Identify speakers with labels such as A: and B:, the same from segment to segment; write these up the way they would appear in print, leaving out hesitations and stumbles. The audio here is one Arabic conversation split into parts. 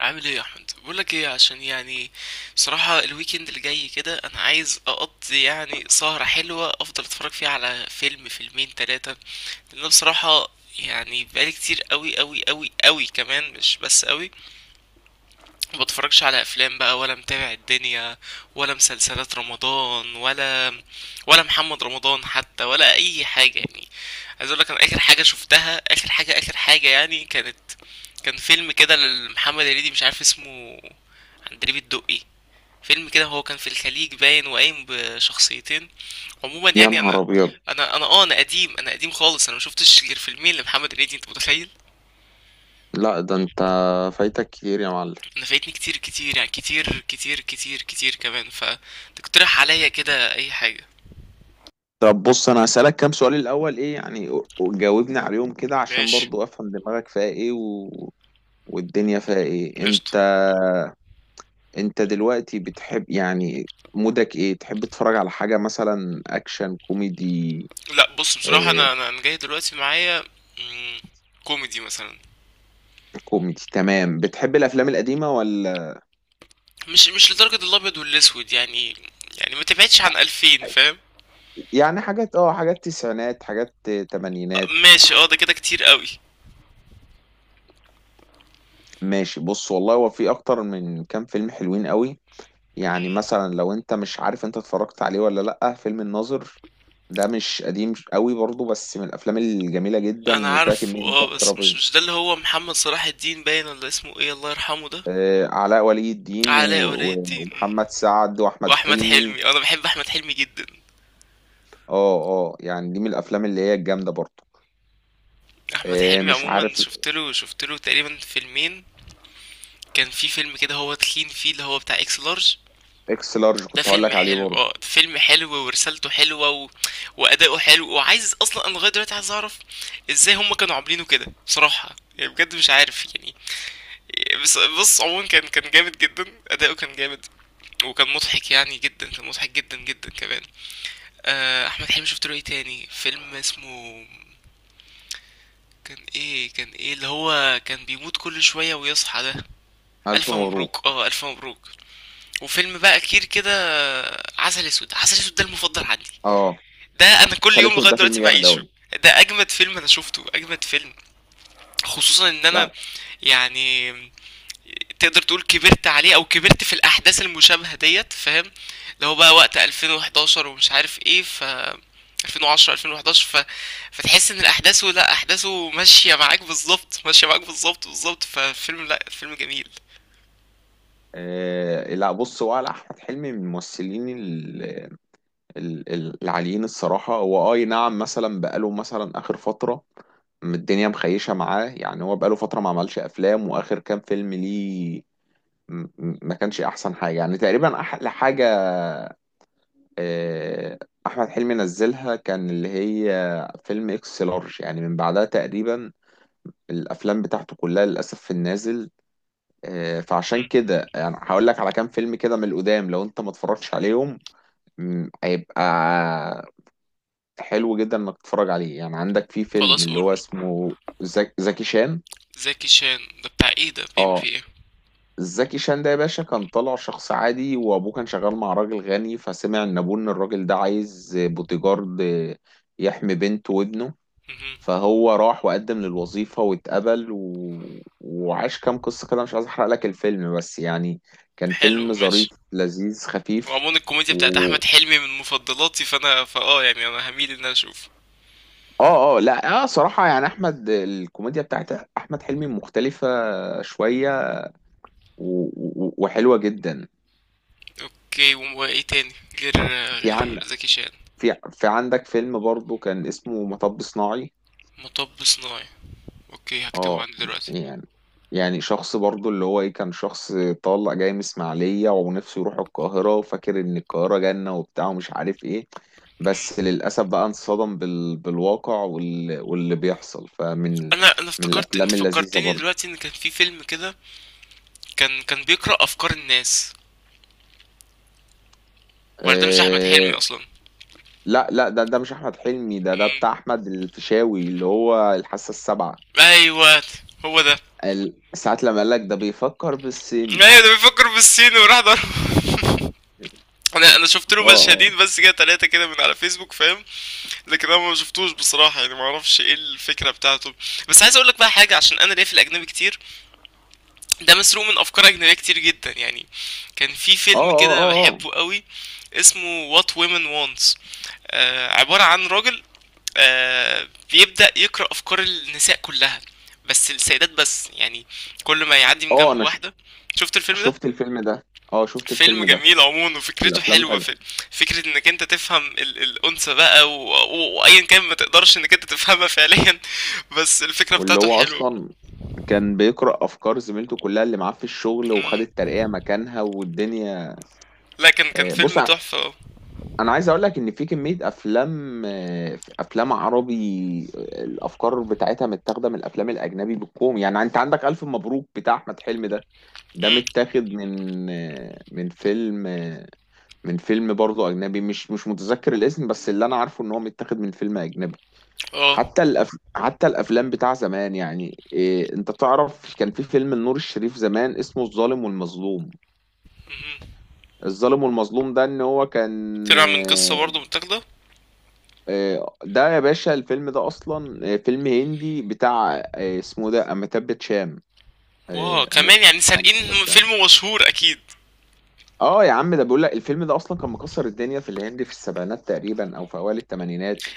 A: عامل ايه يا احمد؟ بقول لك ايه، عشان يعني بصراحه الويكند اللي جاي كده انا عايز اقضي يعني سهره حلوه، افضل اتفرج فيها على فيلم، فيلمين، ثلاثه. لان أنا بصراحه يعني بقالي كتير قوي قوي قوي قوي كمان، مش بس قوي، ما بتفرجش على افلام بقى، ولا متابع الدنيا، ولا مسلسلات رمضان، ولا محمد رمضان حتى، ولا اي حاجه يعني. عايز اقول لك، انا اخر حاجه شفتها، اخر حاجه اخر حاجه يعني كانت، كان فيلم كده لمحمد هنيدي مش عارف اسمه، عندليب الدقي. فيلم كده هو كان في الخليج باين، وقايم بشخصيتين. عموما
B: يا
A: يعني انا
B: نهار ابيض.
A: انا انا اه انا قديم، انا قديم خالص، انا مشوفتش غير فيلمين لمحمد هنيدي، انت متخيل؟
B: لا، ده انت فايتك كتير يا معلم.
A: انا فايتني كتير كتير، يعني كتير كتير كتير كتير كمان، فتقترح عليا كده اي حاجه.
B: طب بص، انا هسألك كام سؤال الاول ايه يعني، وجاوبني عليهم كده عشان
A: ماشي،
B: برضو افهم دماغك فيها ايه والدنيا فيها ايه؟ انت
A: قشطه.
B: انت دلوقتي بتحب يعني مودك ايه، تحب تتفرج على حاجة مثلا اكشن كوميدي؟
A: لا بص، بصراحه انا
B: آه
A: انا أنا جاي دلوقتي معايا، مم، كوميدي مثلا.
B: كوميدي تمام. بتحب الافلام القديمة ولا
A: مش لدرجه الابيض والاسود يعني، يعني ما تبعدش عن 2000، فاهم؟
B: يعني حاجات حاجات تسعينات حاجات تمانينات؟
A: ماشي اه، ده كده كتير قوي.
B: ماشي. بص والله هو في اكتر من كام فيلم حلوين قوي. يعني
A: مم.
B: مثلا لو انت مش عارف انت اتفرجت عليه ولا لأ، فيلم الناظر. ده مش قديم قوي برضه بس من الافلام الجميلة
A: انا
B: جدا وفيها
A: عارف،
B: كمية
A: اه،
B: ضحك
A: بس مش
B: رهيبة.
A: مش ده اللي هو محمد صلاح الدين باين، ولا اسمه ايه الله يرحمه ده؟
B: علاء ولي الدين و-
A: علاء ولي
B: و-
A: الدين، مم.
B: ومحمد سعد واحمد
A: واحمد
B: حلمي.
A: حلمي، اه، انا بحب احمد حلمي جدا.
B: اه اه، يعني دي من الافلام اللي هي الجامدة برضه.
A: احمد حلمي
B: مش
A: عموما
B: عارف.
A: شفت له تقريبا فيلمين. كان في فيلم كده هو تخين فيه، اللي هو بتاع اكس لارج.
B: اكس لارج
A: ده
B: كنت هقول
A: فيلم
B: لك عليه
A: حلو،
B: برضه.
A: اه ده فيلم حلو، ورسالته حلوه واداؤه حلو، وعايز اصلا انا لغايه دلوقتي عايز اعرف ازاي هم كانوا عاملينه كده، بصراحه يعني بجد مش عارف يعني. بس بص عموما كان جامد جدا، اداؤه كان جامد، وكان مضحك يعني جدا، كان مضحك جدا جدا كمان. آه، احمد حلمي شفت له ايه تاني، فيلم اسمه، كان ايه اللي هو كان بيموت كل شويه ويصحى ده؟
B: الف
A: الف مبروك،
B: مبروك.
A: اه الف مبروك. وفيلم بقى كتير كده. آه، عسل اسود، ده المفضل عندي.
B: اه.
A: ده انا كل
B: عسل
A: يوم
B: اسود
A: لغايه
B: ده فيلم
A: دلوقتي
B: جامد
A: بعيشه.
B: قوي.
A: ده اجمد فيلم انا شفته، اجمد فيلم، خصوصا ان انا
B: لا،
A: يعني تقدر تقول كبرت عليه، او كبرت في الاحداث المشابهه ديت، فاهم؟ اللي هو بقى وقت 2011 ومش عارف ايه، ف 2010 2011 فتحس ان الاحداث، لا احداثه ماشيه معاك بالظبط، ماشيه معاك بالظبط بالظبط، ففيلم، لا فيلم جميل.
B: لا بص، هو على احمد حلمي من الممثلين العاليين الصراحة. هو أي نعم، مثلا بقاله مثلا آخر فترة الدنيا مخيشة معاه. يعني هو بقاله فترة ما عملش أفلام، وآخر كام فيلم ليه ما كانش أحسن حاجة. يعني تقريبا أحلى حاجة آه، أحمد حلمي نزلها كان اللي هي فيلم إكس لارج، يعني من بعدها تقريبا الأفلام بتاعته كلها للأسف في النازل. فعشان
A: مهم.
B: كده يعني هقول لك على كام فيلم كده من القدام لو أنت ما اتفرجتش عليهم. هيبقى حلو جدا انك تتفرج عليه. يعني عندك في فيلم
A: خلاص
B: اللي هو
A: قول.
B: اسمه زكي شان.
A: زكي شان ده بتاع ايه؟ ده بيعمل فيه
B: اه.
A: ايه؟
B: زكي شان ده يا باشا كان طالع شخص عادي، وابوه كان شغال مع راجل غني، فسمع ان ابوه ان الراجل ده عايز بوتيجارد يحمي بنته وابنه،
A: مهم.
B: فهو راح وقدم للوظيفة واتقبل وعاش كام قصة كده. مش عايز احرق لك الفيلم بس يعني كان
A: حلو،
B: فيلم ظريف
A: ماشي.
B: لذيذ خفيف.
A: وعموما الكوميديا بتاعت احمد حلمي من مفضلاتي، فانا فاه يعني انا هميل ان انا اشوفه.
B: اه لا صراحة يعني احمد الكوميديا بتاعت احمد حلمي مختلفة شوية و- و- وحلوة جدا.
A: اوكي، وايه تاني غير،
B: في عن
A: غير زكي شان؟
B: في في عندك فيلم برضو كان اسمه مطب صناعي.
A: مطب صناعي. اوكي، هكتبه
B: اه
A: عندي دلوقتي.
B: يعني، شخص برضو اللي هو ايه، كان شخص طالع جاي من اسماعيلية ونفسه يروح القاهرة وفاكر ان القاهرة جنة وبتاع ومش عارف ايه،
A: مم.
B: بس للأسف بقى انصدم بالواقع واللي بيحصل. فمن
A: انا
B: من
A: افتكرت، انت
B: الأفلام اللذيذة
A: فكرتني
B: برضو.
A: دلوقتي ان كان في فيلم كده كان بيقرأ افكار الناس، ولا ده مش احمد حلمي
B: آه،
A: اصلا؟
B: لا لا، ده مش احمد حلمي. ده بتاع
A: مم.
B: احمد الفيشاوي اللي هو الحاسه السابعه.
A: ايوه هو ده.
B: ساعة لما قال لك ده بيفكر بالصيني.
A: ايوه ده بيفكر بالصين وراح ضرب. انا شفت له
B: اه
A: مشهدين بس كده، ثلاثه كده، من على فيسبوك فاهم. لكن انا ما شفتوش بصراحه يعني، ما اعرفش ايه الفكره بتاعته. بس عايز اقول لك بقى حاجه، عشان انا ليا في الاجنبي كتير، ده مسروق من افكار اجنبيه كتير جدا يعني. كان في
B: اه
A: فيلم
B: اه
A: كده
B: اه اه
A: بحبه قوي، اسمه What Women Wants. آه، عباره عن راجل، آه، بيبدا يقرا افكار النساء كلها، بس السيدات بس يعني، كل ما يعدي من
B: اه اه
A: جنب
B: انا
A: واحده. شفت الفيلم ده؟
B: شفت الفيلم ده. اه شفت
A: فيلم
B: الفيلم ده.
A: جميل عموما، وفكرته
B: الافلام
A: حلوه،
B: حلوه.
A: في فكره انك انت تفهم ال الانثى بقى، وايا كان ما تقدرش انك انت تفهمها فعليا. بس الفكره
B: واللي
A: بتاعته
B: هو
A: حلوه.
B: اصلا كان بيقرأ افكار زميلته كلها اللي معاه في الشغل، وخد
A: مم.
B: الترقية مكانها والدنيا.
A: لا كان، كان
B: بص،
A: فيلم تحفه، اه.
B: انا عايز اقول لك ان في كميه افلام افلام عربي الافكار بتاعتها متاخده من الافلام الاجنبي بالكوم. يعني انت عندك الف مبروك بتاع احمد حلمي ده، ده
A: مم.
B: متاخد من فيلم برضه اجنبي. مش متذكر الاسم بس اللي انا عارفه ان هو متاخد من فيلم اجنبي.
A: اه.
B: حتى حتى الافلام بتاع زمان يعني إيه، انت تعرف كان في فيلم النور الشريف زمان اسمه الظالم والمظلوم.
A: مهم.
B: الظالم والمظلوم ده ان هو كان
A: طلع من قصة برضه متاخدة.
B: ده يا باشا الفيلم ده اصلا فيلم هندي بتاع اسمه ده اميتاب باتشان.
A: واو،
B: انا
A: كمان يعني
B: أميتاب
A: سارقين
B: باتشان.
A: فيلم مشهور اكيد.
B: اه يا عم، ده بيقول لك الفيلم ده اصلا كان مكسر الدنيا في الهند في السبعينات تقريبا او في اوائل الثمانينات.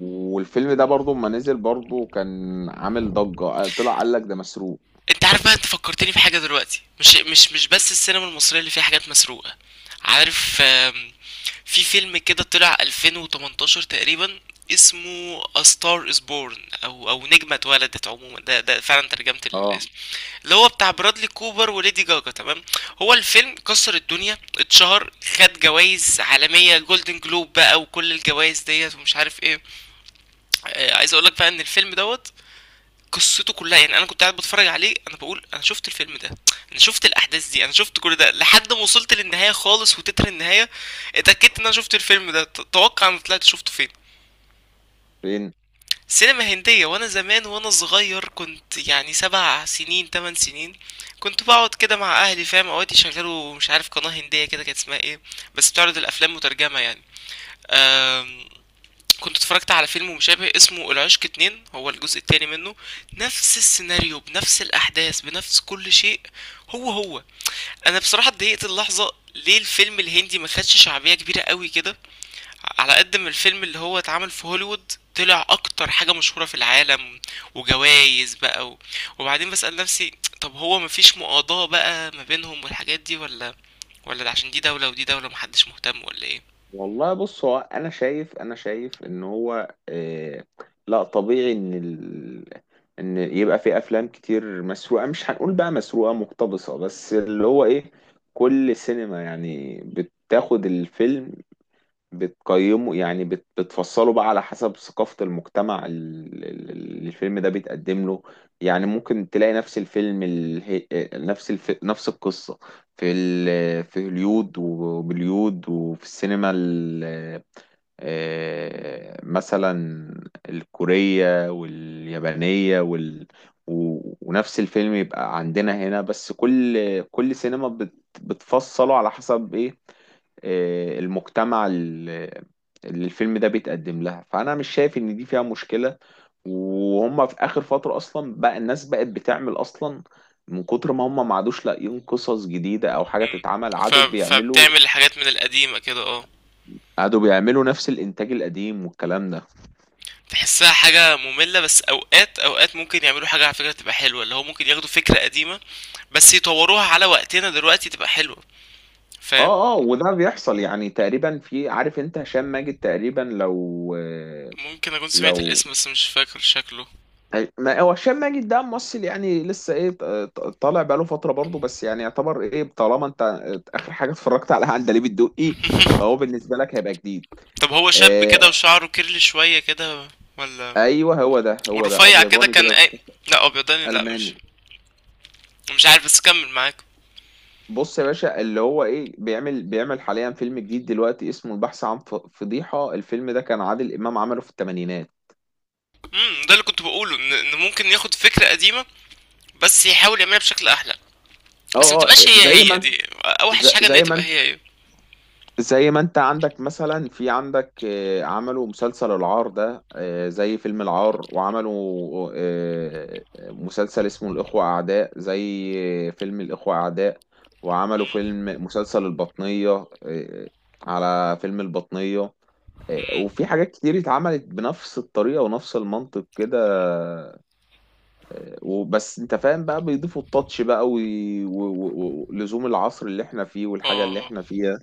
B: والفيلم ده برضو ما نزل برضو كان عامل ضجة. طلع قال لك ده مسروق.
A: انت عارف بقى، انت فكرتني في حاجه دلوقتي، مش بس السينما المصريه اللي فيها حاجات مسروقه، عارف. في فيلم كده طلع 2018 تقريبا، اسمه A Star Is Born، او او نجمه اتولدت، عموما ده ده فعلا ترجمه
B: اه.
A: الاسم، اللي هو بتاع برادلي كوبر وليدي جاجا، تمام. هو الفيلم كسر الدنيا، اتشهر، خد جوائز عالميه، جولدن جلوب بقى وكل الجوائز ديت، ومش عارف ايه. آه، عايز اقول لك بقى ان الفيلم دوت قصته كلها يعني، انا كنت قاعد بتفرج عليه انا بقول انا شفت الفيلم ده، انا شفت الاحداث دي، انا شفت كل ده لحد ما وصلت للنهايه خالص، وتتر النهايه اتاكدت ان انا شفت الفيلم ده. توقع انا طلعت شفته فين؟
B: فين؟
A: سينما هنديه، وانا زمان وانا صغير، كنت يعني 7 سنين 8 سنين، كنت بقعد كده مع اهلي فاهم، اوقات يشغلوا مش عارف قناه هنديه كده كانت اسمها ايه، بس بتعرض الافلام مترجمه يعني. آم، كنت اتفرجت على فيلم مشابه اسمه العشق 2، هو الجزء التاني منه. نفس السيناريو بنفس الأحداث بنفس كل شيء، هو هو. أنا بصراحة اتضايقت اللحظة، ليه الفيلم الهندي ما خدش شعبية كبيرة قوي كده، على قد ما الفيلم اللي هو اتعمل في هوليوود طلع أكتر حاجة مشهورة في العالم، وجوايز بقى وبعدين بسأل نفسي، طب هو مفيش مقاضاة بقى ما بينهم والحاجات دي، ولا، ولا ده عشان دي دولة ودي دولة محدش مهتم، ولا ايه؟
B: والله بص، هو انا شايف، انا شايف ان هو لا طبيعي ان ان يبقى في افلام كتير مسروقه. مش هنقول بقى مسروقه، مقتبسه. بس اللي هو ايه، كل سينما يعني بتاخد الفيلم بتقيمه يعني بتفصله بقى على حسب ثقافة المجتمع اللي الفيلم ده بيتقدم له. يعني ممكن تلاقي نفس الفيلم نفس القصة في هوليود وبوليود وفي السينما مثلا الكورية واليابانية ونفس الفيلم يبقى عندنا هنا. بس كل سينما بتفصله على حسب ايه المجتمع اللي الفيلم ده بيتقدم لها. فأنا مش شايف إن دي فيها مشكلة. وهم في آخر فترة أصلا بقى الناس بقت بتعمل أصلا، من كتر ما هم ما عادوش لاقيين قصص جديدة أو حاجة
A: مم.
B: تتعمل، عادوا بيعملوا،
A: فبتعمل حاجات من القديمة كده، اه.
B: قعدوا بيعملوا نفس الانتاج القديم والكلام ده.
A: تحسها حاجة مملة، بس اوقات اوقات ممكن يعملوا حاجة على فكرة تبقى حلوة، اللي هو ممكن ياخدوا فكرة قديمة بس يطوروها على وقتنا دلوقتي تبقى حلوة، فاهم؟
B: اه، وده بيحصل يعني تقريبا. في عارف انت هشام ماجد تقريبا لو
A: ممكن اكون سمعت
B: لو
A: الاسم، بس مش فاكر شكله.
B: ما هو هشام ماجد ده ممثل يعني لسه ايه طالع بقاله فتره برضه. بس يعني يعتبر ايه، طالما انت اخر حاجه اتفرجت عليها عندليب الدقي فهو بالنسبه لك هيبقى جديد.
A: طب هو شاب كده
B: آه
A: وشعره كيرلي شوية كده، ولا؟
B: ايوه، هو ده
A: ورفيع كده
B: ابيضاني
A: كان
B: كده.
A: اي؟ لا ابيضاني، لا مش.
B: الماني.
A: مش عارف، بس كمل معاك.
B: بص يا باشا اللي هو ايه بيعمل حاليا فيلم جديد دلوقتي اسمه البحث عن فضيحه. الفيلم ده كان عادل امام عمله في الثمانينات.
A: ده اللي كنت بقوله، ان ممكن ياخد فكرة قديمة بس يحاول يعملها بشكل احلى. بس ما
B: اه
A: تبقاش هي
B: زي ما
A: هي،
B: انت-
A: دي اوحش
B: ز-
A: حاجة ان هي
B: زي ما
A: تبقى
B: انت
A: هي هي.
B: زي ما انت عندك مثلا، في عندك آه، عملوا مسلسل العار ده زي فيلم العار. وعملوا مسلسل اسمه الإخوة أعداء زي فيلم الإخوة أعداء. وعملوا
A: مم.
B: مسلسل البطنية على فيلم البطنية.
A: مم.
B: وفي حاجات كتير اتعملت بنفس الطريقة ونفس المنطق كده. وبس انت فاهم بقى بيضيفوا التاتش بقى ولزوم العصر اللي احنا فيه
A: اه،
B: والحاجة اللي
A: آه.
B: احنا فيها،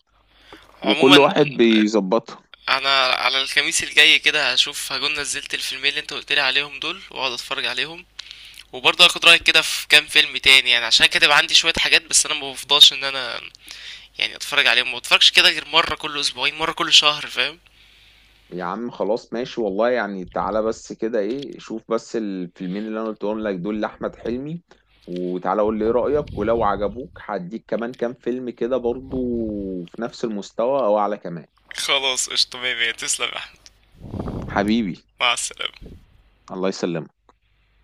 B: وكل
A: عموما
B: واحد بيظبطها.
A: انا على الخميس الجاي كده هشوف هكون نزلت الفيلمين اللي انت قلت لي عليهم دول، واقعد اتفرج عليهم. وبرضه هاخد رايك كده في كام فيلم تاني يعني، عشان كاتب عندي شويه حاجات، بس انا ما بفضلش ان انا يعني اتفرج عليهم، ما بتفرجش كده غير مره كل اسبوعين، مره كل شهر، فاهم؟
B: يا عم خلاص ماشي، والله يعني تعالى بس كده، ايه، شوف بس الفيلمين اللي انا قلتهم لك دول لأحمد حلمي، وتعالى قول لي ايه رأيك. ولو عجبوك هديك كمان كام فيلم كده برضو في نفس المستوى او اعلى كمان.
A: خلاص، قشطة، مية مية، تسلم يا احمد.
B: حبيبي.
A: مع السلامة.
B: الله يسلمك.